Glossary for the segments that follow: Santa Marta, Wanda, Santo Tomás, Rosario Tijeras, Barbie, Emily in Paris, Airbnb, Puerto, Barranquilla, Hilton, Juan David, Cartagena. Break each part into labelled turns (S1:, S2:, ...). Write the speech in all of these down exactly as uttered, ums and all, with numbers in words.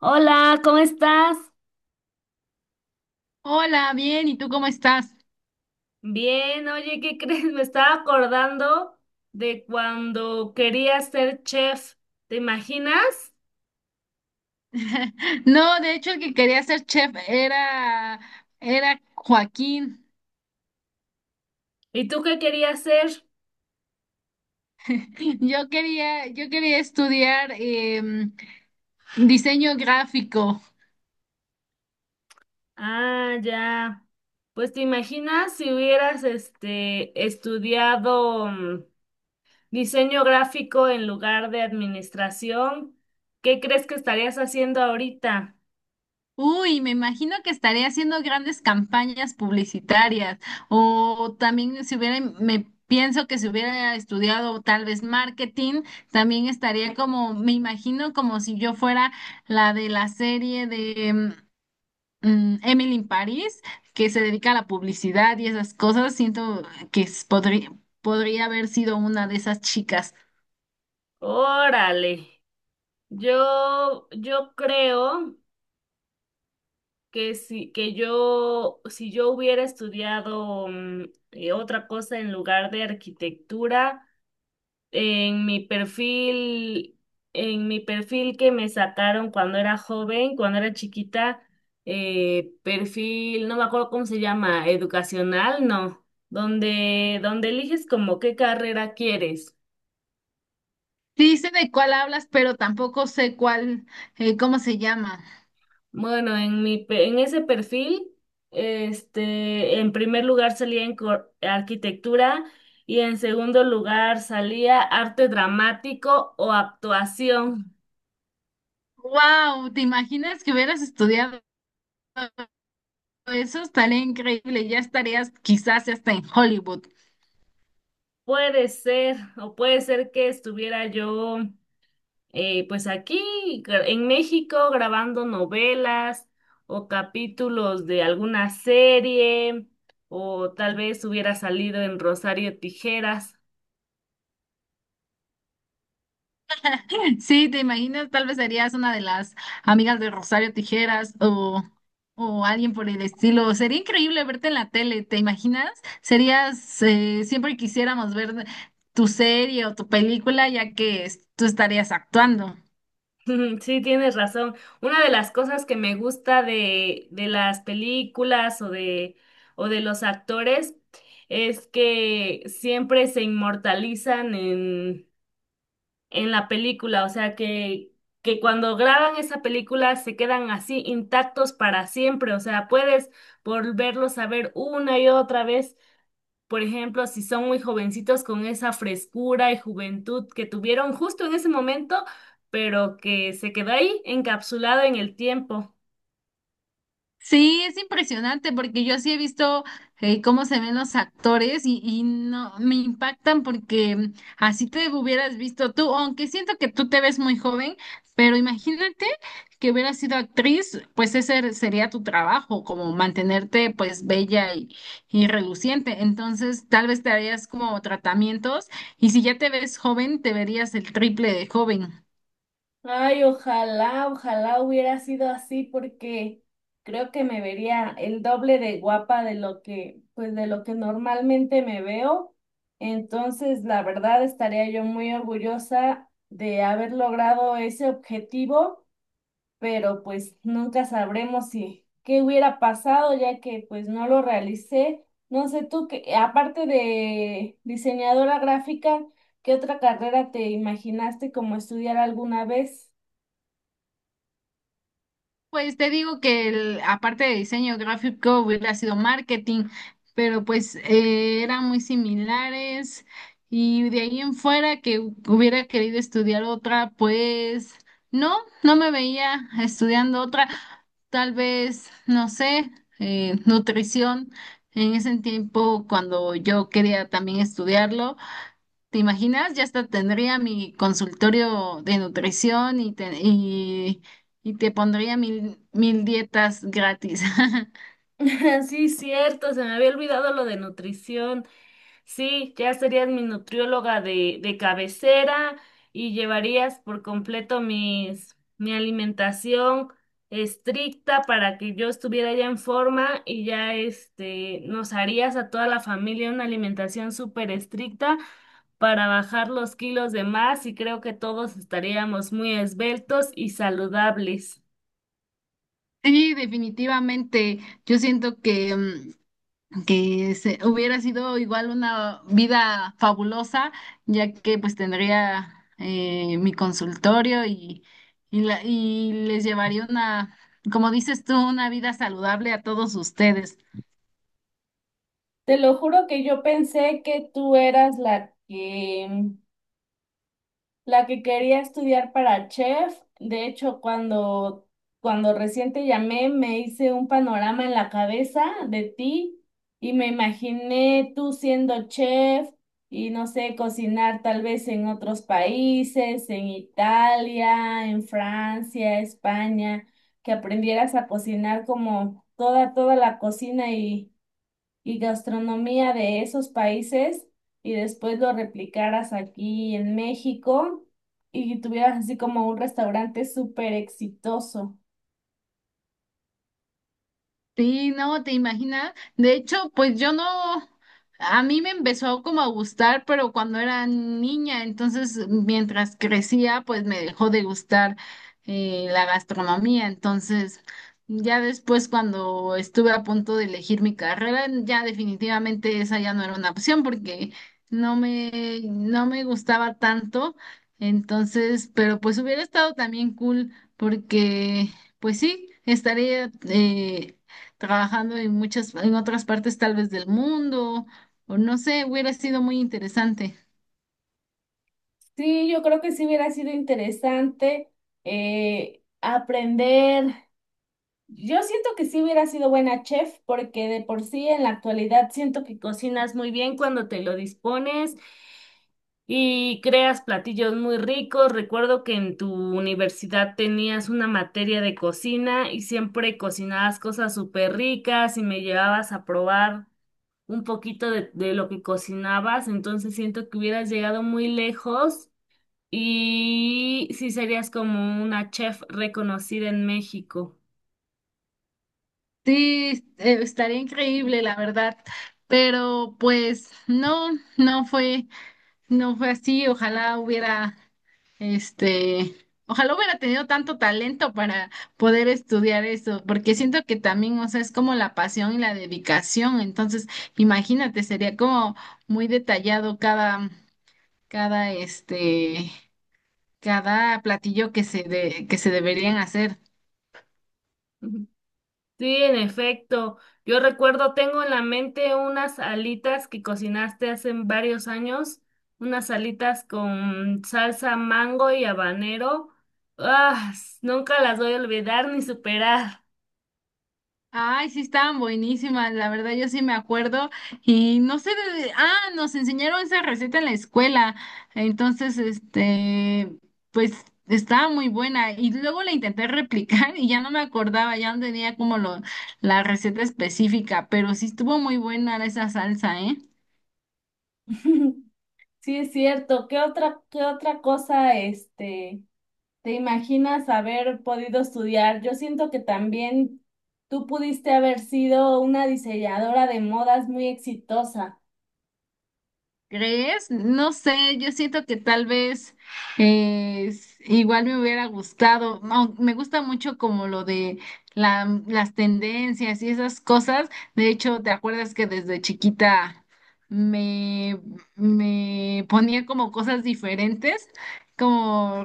S1: Hola, ¿cómo estás?
S2: Hola, bien, ¿y tú cómo estás?
S1: Bien, oye, ¿qué crees? Me estaba acordando de cuando quería ser chef, ¿te imaginas?
S2: No, de hecho el que quería ser chef era, era Joaquín.
S1: ¿Y tú qué querías ser?
S2: Yo quería, yo quería estudiar em, diseño gráfico.
S1: Ah, ya. Pues te imaginas si hubieras este estudiado mm, diseño gráfico en lugar de administración, ¿qué crees que estarías haciendo ahorita?
S2: Uy, me imagino que estaría haciendo grandes campañas publicitarias o también si hubiera, me pienso que si hubiera estudiado tal vez marketing, también estaría como, me imagino como si yo fuera la de la serie de... em, mm, Emily in Paris, que se dedica a la publicidad y esas cosas, siento que es- podría, podría haber sido una de esas chicas.
S1: Órale. Yo yo creo que si que yo si yo hubiera estudiado mm, eh, otra cosa en lugar de arquitectura en mi perfil en mi perfil que me sacaron cuando era joven, cuando era chiquita, eh, perfil, no me acuerdo cómo se llama, educacional, no, donde donde eliges como qué carrera quieres.
S2: Sí sé de cuál hablas, pero tampoco sé cuál, eh, cómo se llama.
S1: Bueno, en mi, pe- en ese perfil, este, en primer lugar salía en cor- arquitectura y en segundo lugar salía arte dramático o actuación.
S2: Wow, ¿te imaginas que hubieras estudiado eso? Estaría increíble, ya estarías quizás hasta en Hollywood.
S1: Puede ser, o puede ser que estuviera yo, eh, pues aquí gra- en México grabando novelas o capítulos de alguna serie, o tal vez hubiera salido en Rosario Tijeras.
S2: Sí, te imaginas, tal vez serías una de las amigas de Rosario Tijeras o, o alguien por el estilo. Sería increíble verte en la tele, ¿te imaginas? Serías, eh, siempre quisiéramos ver tu serie o tu película ya que es- tú estarías actuando.
S1: Sí, tienes razón. Una de las cosas que me gusta de, de las películas o de, o de los actores es que siempre se inmortalizan en, en la película, o sea que, que cuando graban esa película se quedan así intactos para siempre, o sea, puedes volverlos a ver una y otra vez por ejemplo, si son muy jovencitos con esa frescura y juventud que tuvieron justo en ese momento, pero que se quedó ahí encapsulado en el tiempo.
S2: Sí, es impresionante porque yo sí he visto eh, cómo se ven los actores y, y no me impactan porque así te hubieras visto tú, aunque siento que tú te ves muy joven, pero imagínate que hubieras sido actriz, pues ese er, sería tu trabajo, como mantenerte pues bella y, y reluciente. Entonces tal vez te harías como tratamientos y si ya te ves joven, te verías el triple de joven.
S1: Ay, ojalá, ojalá hubiera sido así porque creo que me vería el doble de guapa de lo que, pues de lo que normalmente me veo. Entonces, la verdad, estaría yo muy orgullosa de haber logrado ese objetivo pero pues nunca sabremos si qué hubiera pasado ya que pues no lo realicé. No sé tú que aparte de diseñadora gráfica, ¿qué otra carrera te imaginaste como estudiar alguna vez?
S2: Pues te digo que el- aparte de diseño gráfico hubiera sido marketing, pero pues eh, eran muy similares y de ahí en fuera que hubiera querido estudiar otra, pues no, no me veía estudiando otra, tal vez, no sé, eh, nutrición en ese tiempo cuando yo quería también estudiarlo. ¿Te imaginas? Ya hasta tendría mi consultorio de nutrición y te, y, y te pondría mil, mil dietas gratis.
S1: Sí, cierto, se me había olvidado lo de nutrición. Sí, ya serías mi nutrióloga de, de cabecera y llevarías por completo mis, mi alimentación estricta para que yo estuviera ya en forma y ya este, nos harías a toda la familia una alimentación súper estricta para bajar los kilos de más y creo que todos estaríamos muy esbeltos y saludables.
S2: Sí, definitivamente. Yo siento que, mm, que se, hubiera sido igual una vida fabulosa, ya que pues tendría eh, mi consultorio y, y, la- y les llevaría una, como dices tú, una vida saludable a todos ustedes.
S1: Te lo juro que yo pensé que tú eras la que la que quería estudiar para chef, de hecho, cuando, cuando recién te llamé, me hice un panorama en la cabeza de ti y me imaginé tú siendo chef y no sé, cocinar tal vez en otros países, en Italia, en Francia, España, que aprendieras a cocinar como toda, toda la cocina y y gastronomía de esos países y después lo replicaras aquí en México y tuvieras así como un restaurante súper exitoso.
S2: Sí, no, te imaginas. De hecho, pues yo no, a mí me empezó como a gustar, pero cuando era niña, entonces mientras crecía, pues me dejó de gustar eh, la gastronomía. Entonces, ya después cuando estuve a punto de elegir mi carrera, ya definitivamente esa ya no era una opción porque no me, no me gustaba tanto. Entonces, pero pues hubiera estado también cool porque, pues sí, estaría... eh, trabajando en muchas, en otras partes tal vez del mundo, o no sé, hubiera sido muy interesante.
S1: Sí, yo creo que sí hubiera sido interesante eh, aprender. Yo siento que sí hubiera sido buena chef porque de por sí en la actualidad siento que cocinas muy bien cuando te lo dispones y creas platillos muy ricos. Recuerdo que en tu universidad tenías una materia de cocina y siempre cocinabas cosas súper ricas y me llevabas a probar un poquito de, de lo que cocinabas. Entonces siento que hubieras llegado muy lejos y sí serías como una chef reconocida en México.
S2: Sí, eh, estaría increíble, la verdad. Pero pues no, no fue, no fue así. Ojalá hubiera, este, ojalá hubiera tenido tanto talento para poder estudiar eso, porque siento que también, o sea, es como la pasión y la dedicación. Entonces, imagínate, sería como muy detallado cada, cada, este, cada platillo que se de, que se deberían hacer.
S1: Sí, en efecto. Yo recuerdo, tengo en la mente unas alitas que cocinaste hace varios años, unas alitas con salsa mango y habanero. Ah, s- nunca las voy a olvidar ni superar.
S2: Ay, sí, estaban buenísimas, la verdad yo sí me acuerdo y no sé de... Ah, nos enseñaron esa receta en la escuela, entonces, este, pues estaba muy buena y luego la intenté replicar y ya no me acordaba, ya no tenía como lo, la receta específica, pero sí estuvo muy buena esa salsa, ¿eh?
S1: Sí, es cierto. ¿Qué otra, ¿qué otra cosa, este, te imaginas haber podido estudiar? Yo siento que también tú pudiste haber sido una diseñadora de modas muy exitosa.
S2: ¿Crees? No sé, yo siento que tal vez eh, s- igual me hubiera gustado, no, me gusta mucho como lo de la- las tendencias y esas cosas. De hecho, ¿te acuerdas que desde chiquita me, me ponía como cosas diferentes, como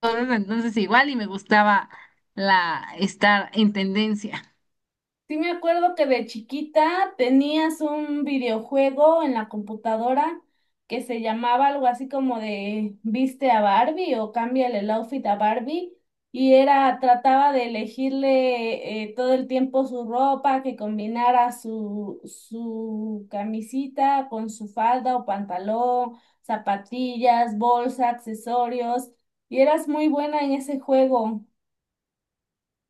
S2: cosas entonces igual y me gustaba la estar en tendencia?
S1: Sí me acuerdo que de chiquita tenías un videojuego en la computadora que se llamaba algo así como de viste a Barbie o cámbiale el outfit a Barbie y era trataba de elegirle eh, todo el tiempo su ropa que combinara su su camisita con su falda o pantalón, zapatillas, bolsa, accesorios y eras muy buena en ese juego.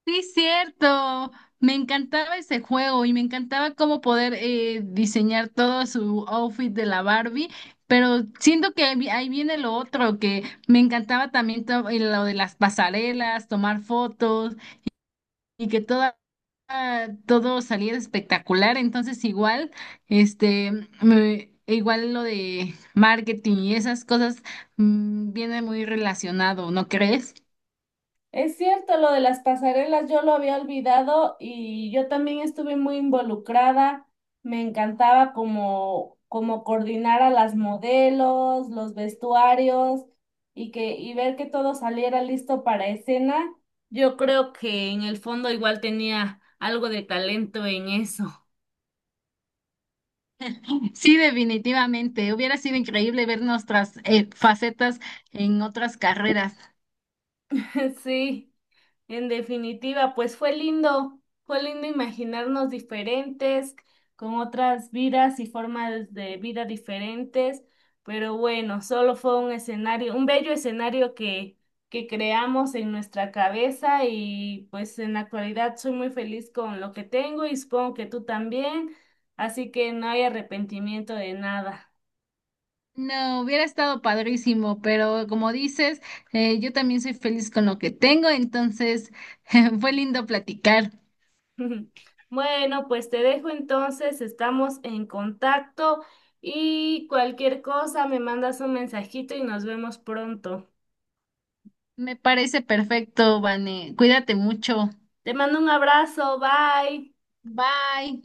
S2: Sí, cierto. Me encantaba ese juego y me encantaba cómo poder eh, diseñar todo su outfit de la Barbie, pero siento que ahí vi- ahí viene lo otro, que me encantaba también to- eh, lo de las pasarelas, tomar fotos y que toda, ah, todo saliera espectacular. Entonces igual, este, me- igual lo de marketing y esas cosas mm, viene muy relacionado, ¿no crees?
S1: Es cierto, lo de las pasarelas yo lo había olvidado y yo también estuve muy involucrada. Me encantaba como, como coordinar a las modelos, los vestuarios y que, y ver que todo saliera listo para escena. Yo creo que en el fondo igual tenía algo de talento en eso.
S2: Sí, definitivamente. Hubiera sido increíble ver nuestras eh, facetas en otras carreras.
S1: Sí. En definitiva, pues fue lindo, fue lindo imaginarnos diferentes, con otras vidas y formas de vida diferentes, pero bueno, solo fue un escenario, un bello escenario que, que creamos en nuestra cabeza y pues en la actualidad soy muy feliz con lo que tengo y supongo que tú también, así que no hay arrepentimiento de nada.
S2: No, hubiera estado padrísimo, pero como dices, eh, yo también soy feliz con lo que tengo, entonces fue lindo platicar.
S1: Bueno, pues te dejo entonces, estamos en contacto y cualquier cosa me mandas un mensajito y nos vemos pronto.
S2: Me parece perfecto, Vane. Cuídate mucho.
S1: Te mando un abrazo, bye.
S2: Bye.